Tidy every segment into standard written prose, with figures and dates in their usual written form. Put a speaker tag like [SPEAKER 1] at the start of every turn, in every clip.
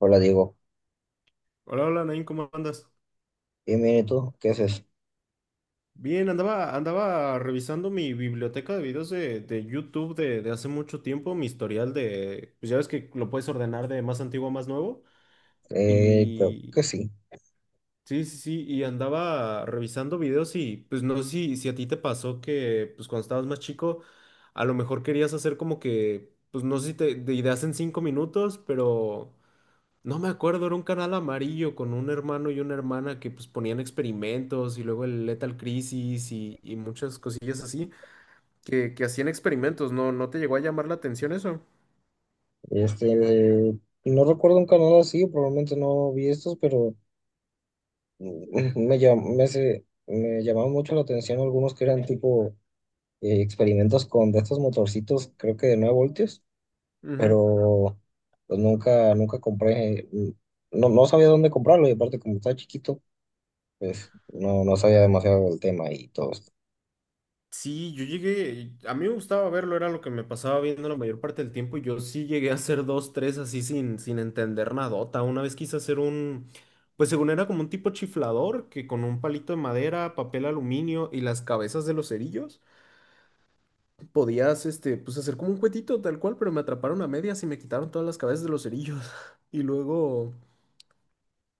[SPEAKER 1] Hola Diego,
[SPEAKER 2] Hola, hola, Nain, ¿cómo andas?
[SPEAKER 1] bien, bien, ¿y tú? ¿Qué haces?
[SPEAKER 2] Bien, andaba revisando mi biblioteca de videos de YouTube de hace mucho tiempo, mi historial de, pues ya ves que lo puedes ordenar de más antiguo a más nuevo.
[SPEAKER 1] Creo que
[SPEAKER 2] Y
[SPEAKER 1] sí.
[SPEAKER 2] sí, sí, sí, y andaba revisando videos y pues no sé si a ti te pasó que pues cuando estabas más chico, a lo mejor querías hacer como que, pues no sé si te, de ideas en cinco minutos, pero... No me acuerdo, era un canal amarillo con un hermano y una hermana que pues ponían experimentos y luego el Lethal Crisis y muchas cosillas así que hacían experimentos, ¿no? ¿No te llegó a llamar la atención eso?
[SPEAKER 1] Este, eh, no recuerdo un canal así, probablemente no vi estos, pero me llamaron mucho la atención algunos que eran tipo experimentos con de estos motorcitos, creo que de 9 voltios,
[SPEAKER 2] Ujú.
[SPEAKER 1] pero pues nunca compré, no, no sabía dónde comprarlo y aparte como estaba chiquito, pues no, no sabía demasiado del tema y todo esto.
[SPEAKER 2] Sí, yo llegué, a mí me gustaba verlo, era lo que me pasaba viendo la mayor parte del tiempo y yo sí llegué a hacer dos, tres así sin entender nadota. Una vez quise hacer un, pues según era como un tipo chiflador que con un palito de madera, papel aluminio y las cabezas de los cerillos podías, este, pues hacer como un cuetito tal cual, pero me atraparon a medias y me quitaron todas las cabezas de los cerillos. Y luego,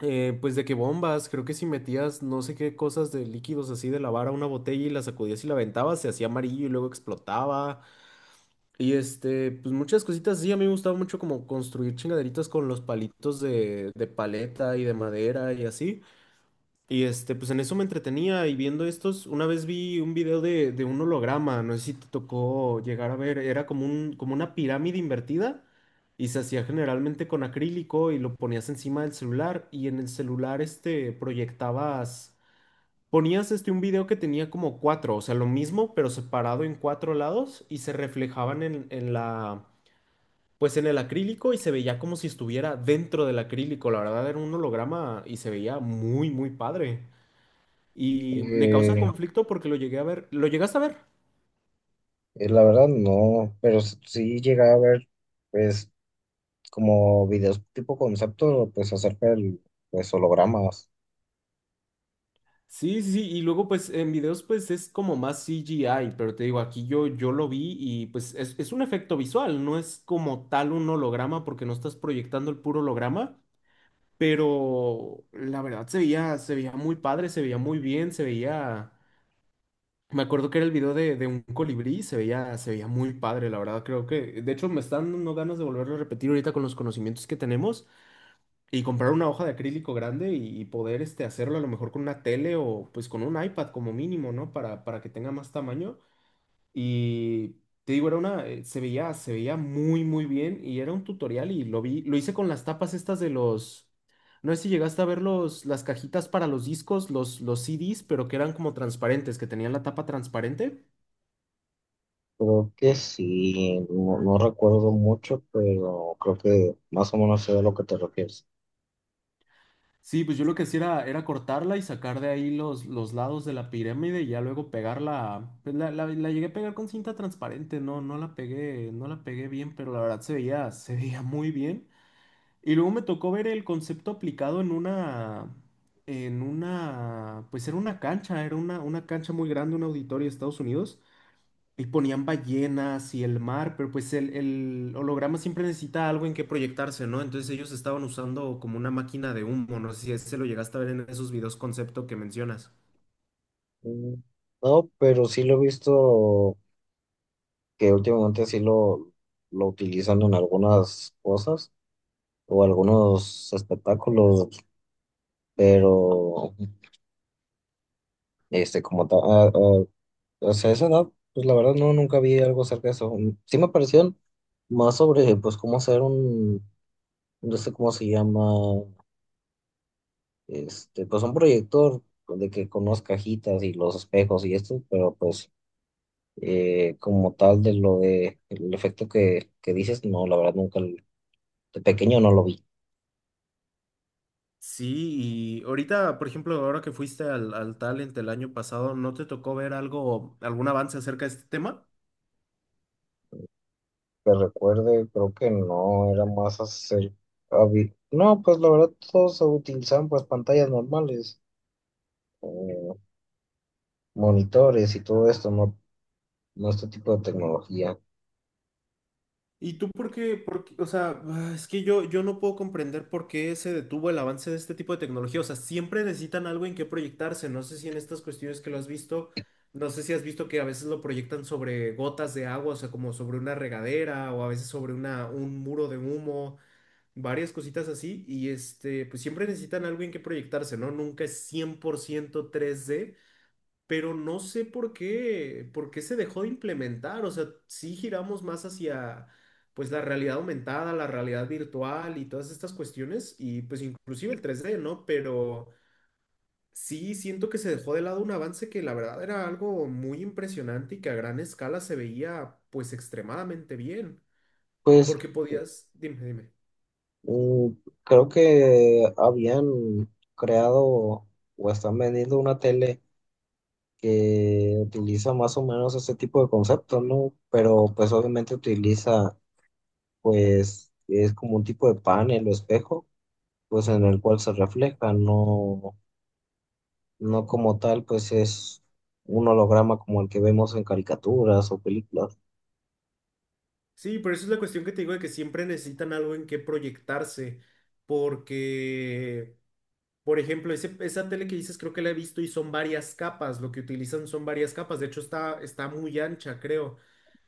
[SPEAKER 2] pues de que bombas, creo que si metías no sé qué cosas de líquidos así de lavar a una botella y la sacudías y la aventabas, se hacía amarillo y luego explotaba. Y este, pues muchas cositas así. A mí me gustaba mucho como construir chingaderitas con los palitos de paleta y de madera y así. Y este, pues en eso me entretenía y viendo estos, una vez vi un video de un holograma, no sé si te tocó llegar a ver, era como un, como una pirámide invertida y se hacía generalmente con acrílico y lo ponías encima del celular y en el celular este proyectabas, ponías este un video que tenía como cuatro, o sea, lo mismo pero separado en cuatro lados y se reflejaban en la, pues en el acrílico y se veía como si estuviera dentro del acrílico, la verdad era un holograma y se veía muy, muy padre. Y me causa
[SPEAKER 1] Eh,
[SPEAKER 2] conflicto porque lo llegué a ver. ¿Lo llegaste a ver?
[SPEAKER 1] La verdad no, pero sí llegué a ver pues como videos tipo concepto pues acerca del pues hologramas.
[SPEAKER 2] Sí, sí, sí. Y luego, pues, en videos, pues, es como más CGI, pero te digo, aquí yo, yo lo vi y, pues, es un efecto visual, no es como tal un holograma porque no estás proyectando el puro holograma, pero la verdad se veía muy padre, se veía muy bien, se veía... Me acuerdo que era el video de un colibrí, se veía muy padre, la verdad, creo que... De hecho, me están dando ganas de volverlo a repetir ahorita con los conocimientos que tenemos. Y comprar una hoja de acrílico grande y poder este, hacerlo a lo mejor con una tele o pues con un iPad como mínimo, ¿no? Para que tenga más tamaño. Y te digo, era una, se veía muy, muy bien y era un tutorial y lo vi, lo hice con las tapas estas de los, no sé si llegaste a ver los, las cajitas para los discos, los CDs, pero que eran como transparentes, que tenían la tapa transparente.
[SPEAKER 1] Creo que sí, no, no recuerdo mucho, pero creo que más o menos sé a lo que te refieres.
[SPEAKER 2] Sí, pues yo lo que hacía era cortarla y sacar de ahí los lados de la pirámide y ya luego pegarla. Pues la llegué a pegar con cinta transparente, no, no la pegué, no la pegué bien, pero la verdad se veía muy bien. Y luego me tocó ver el concepto aplicado en una, pues era una cancha muy grande, un auditorio de Estados Unidos. Y ponían ballenas y el mar, pero pues el holograma siempre necesita algo en que proyectarse, ¿no? Entonces ellos estaban usando como una máquina de humo, no sé si ese lo llegaste a ver en esos videos concepto que mencionas.
[SPEAKER 1] Mm, no, pero sí lo he visto. Que últimamente lo utilizan en algunas cosas o algunos espectáculos, pero este como tal, o sea, esa edad, pues la verdad no, nunca vi algo acerca de eso. Mm, sí me parecieron más sobre, pues, cómo hacer no sé cómo se llama, pues un proyector de que con unas cajitas y los espejos y esto, pero pues como tal de lo de el efecto que dices, no, la verdad nunca, l- de pequeño no lo vi.
[SPEAKER 2] Sí, y ahorita, por ejemplo, ahora que fuiste al Talent el año pasado, ¿no te tocó ver algo, algún avance acerca de este tema?
[SPEAKER 1] Que recuerde, creo que no, era más no, pues la verdad todos utilizaban pues pantallas normales, eh, monitores y todo esto, ¿no? Nuestro tipo de tecnología.
[SPEAKER 2] ¿Y tú por qué- o sea, ah, es que yo no puedo comprender por qué se detuvo el avance de este tipo de tecnología. O sea, siempre necesitan algo en qué proyectarse. No sé si en estas cuestiones que lo has visto, no sé si has visto que a veces lo proyectan sobre gotas de agua, o sea, como sobre una regadera o a veces sobre una, un muro de humo, varias cositas así. Y este, pues siempre necesitan algo en qué proyectarse, ¿no? Nunca es cien por ciento tres d, pero no sé por qué se dejó de implementar. O sea, sí giramos más hacia, pues, la realidad aumentada, la realidad virtual y todas estas cuestiones, y pues inclusive el tres d, ¿no? Pero sí siento que se dejó de lado un avance que la verdad era algo muy impresionante y que a gran escala se veía, pues, extremadamente bien,
[SPEAKER 1] Pues
[SPEAKER 2] porque podías, dime, dime.
[SPEAKER 1] mm, creo que habían creado o están vendiendo una tele que utiliza más o menos ese tipo de conceptos, ¿no? Pero pues obviamente pues es como un tipo de panel o espejo, pues en el cual se refleja, no, no como tal, pues es un holograma como el que vemos en caricaturas o películas.
[SPEAKER 2] Sí, pero eso es la cuestión que te digo de que siempre necesitan algo en qué proyectarse, porque... Por ejemplo, ese- esa tele que dices creo que la he visto y son varias capas, lo que utilizan son varias capas, de hecho está, está muy ancha, creo,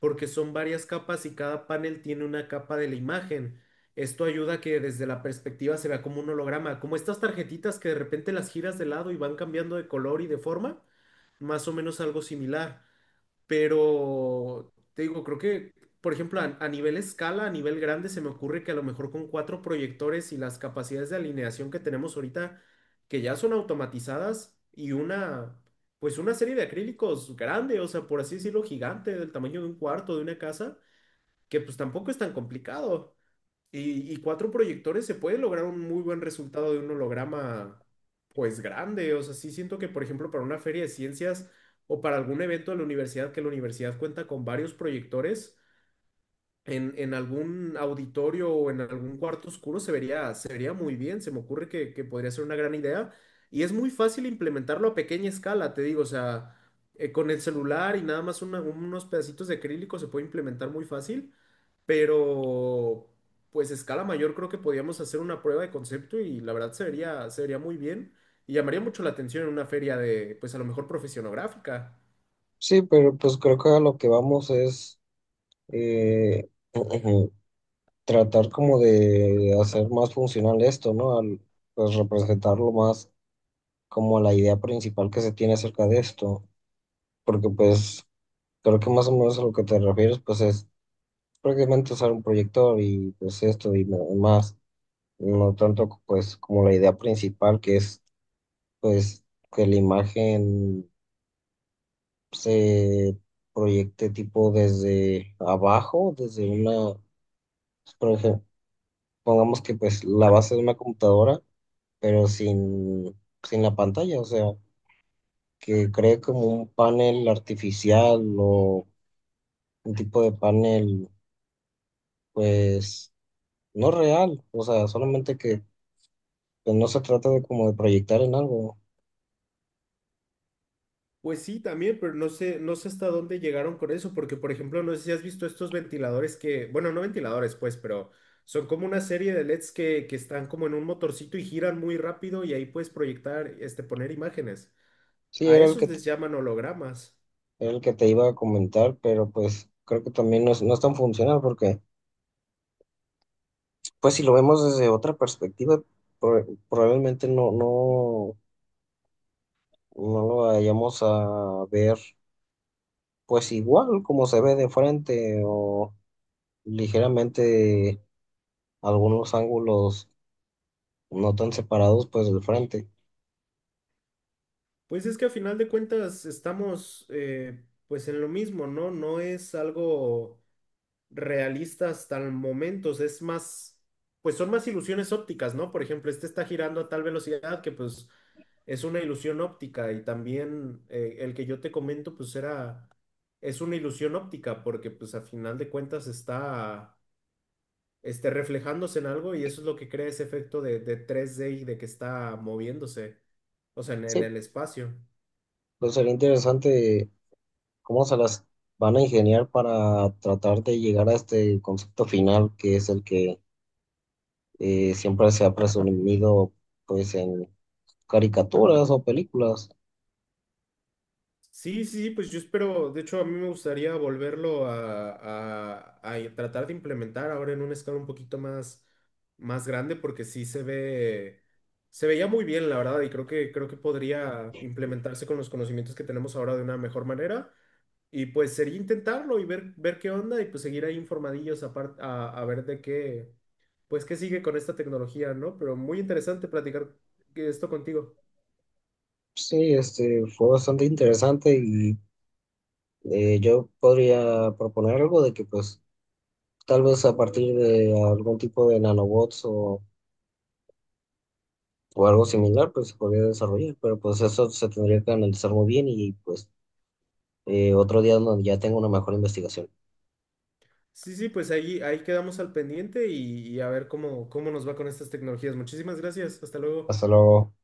[SPEAKER 2] porque son varias capas y cada panel tiene una capa de la imagen. Esto ayuda a que desde la perspectiva se vea como un holograma, como estas tarjetitas que de repente las giras de lado y van cambiando de color y de forma, más o menos algo similar. Pero te digo, creo que, por ejemplo, a nivel escala, a nivel grande, se me ocurre que a lo mejor con cuatro proyectores y las capacidades de alineación que tenemos ahorita, que ya son automatizadas, y una, pues una serie de acrílicos grande, o sea, por así decirlo, gigante, del tamaño de un cuarto, de una casa, que pues tampoco es tan complicado. Y cuatro proyectores se puede lograr un muy buen resultado de un holograma, pues grande. O sea, sí siento que, por ejemplo, para una feria de ciencias o para algún evento de la universidad, que la universidad cuenta con varios proyectores, en algún auditorio o en algún cuarto oscuro se vería muy bien. Se me ocurre que podría ser una gran idea. Y es muy fácil implementarlo a pequeña escala, te digo. O sea, con el celular y nada más una- unos pedacitos de acrílico se puede implementar muy fácil, pero pues a escala mayor creo que podíamos hacer una prueba de concepto y la verdad se vería muy bien y llamaría mucho la atención en una feria de, pues a lo mejor profesionográfica.
[SPEAKER 1] Sí, pero pues creo que a lo que vamos es… eh, tratar como de hacer más funcional esto, ¿no? Al, pues representarlo más como la idea principal que se tiene acerca de esto, porque pues creo que más o menos a lo que te refieres pues es prácticamente usar un proyector y pues esto y nada más, no tanto pues como la idea principal que es pues que la imagen se proyecte tipo desde abajo, desde una, por ejemplo, pongamos que pues la base de una computadora pero sin la pantalla, o sea, que cree como un panel artificial o un tipo de panel, pues, no real, o sea, solamente que pues, no se trata de como de proyectar en algo.
[SPEAKER 2] Pues sí, también, pero no sé, no sé hasta dónde llegaron con eso, porque por ejemplo, no sé si has visto estos ventiladores que, bueno, no ventiladores, pues, pero son como una serie de LEDs que están como en un motorcito y giran muy rápido y ahí puedes proyectar, este, poner imágenes.
[SPEAKER 1] Sí,
[SPEAKER 2] A
[SPEAKER 1] era el
[SPEAKER 2] esos
[SPEAKER 1] que te,
[SPEAKER 2] les llaman hologramas.
[SPEAKER 1] Era el que te iba a comentar, pero pues creo que también no es, no es tan funcional porque, pues, si lo vemos desde otra perspectiva, probablemente no lo vayamos a ver, pues, igual como se ve de frente o ligeramente algunos ángulos no tan separados pues del frente.
[SPEAKER 2] Pues es que a final de cuentas estamos pues en lo mismo, ¿no? No es algo realista hasta el momento, o sea, es más, pues son más ilusiones ópticas, ¿no? Por ejemplo, este está girando a tal velocidad que pues es una ilusión óptica y también, el que yo te comento pues era, es una ilusión óptica porque pues a final de cuentas está este, reflejándose en algo y eso es lo que crea ese efecto de tres d y de que está moviéndose, o sea, en
[SPEAKER 1] Sí,
[SPEAKER 2] el espacio.
[SPEAKER 1] pues sería interesante cómo se las van a ingeniar para tratar de llegar a este concepto final que es el que siempre se ha presumido pues en caricaturas o películas.
[SPEAKER 2] Sí, sí, sí, pues yo espero, de hecho a mí me gustaría volverlo a tratar de implementar ahora en una escala un poquito más, más grande porque sí se ve, se veía muy bien la verdad y creo que podría implementarse con los conocimientos que tenemos ahora de una mejor manera y pues sería intentarlo y ver, ver qué onda y pues seguir ahí informadillos apar- a ver de qué, pues qué sigue con esta tecnología, ¿no? Pero muy interesante platicar esto contigo.
[SPEAKER 1] Sí, este fue bastante interesante y yo podría proponer algo de que pues tal vez a partir de algún tipo de nanobots o algo similar, pues se podría desarrollar, pero pues eso se tendría que analizar muy bien y pues otro día donde ya tengo una mejor investigación.
[SPEAKER 2] Sí, sí, pues ahí, ahí quedamos al pendiente y a ver cómo, cómo nos va con estas tecnologías. Muchísimas gracias. Hasta luego.
[SPEAKER 1] Hasta luego.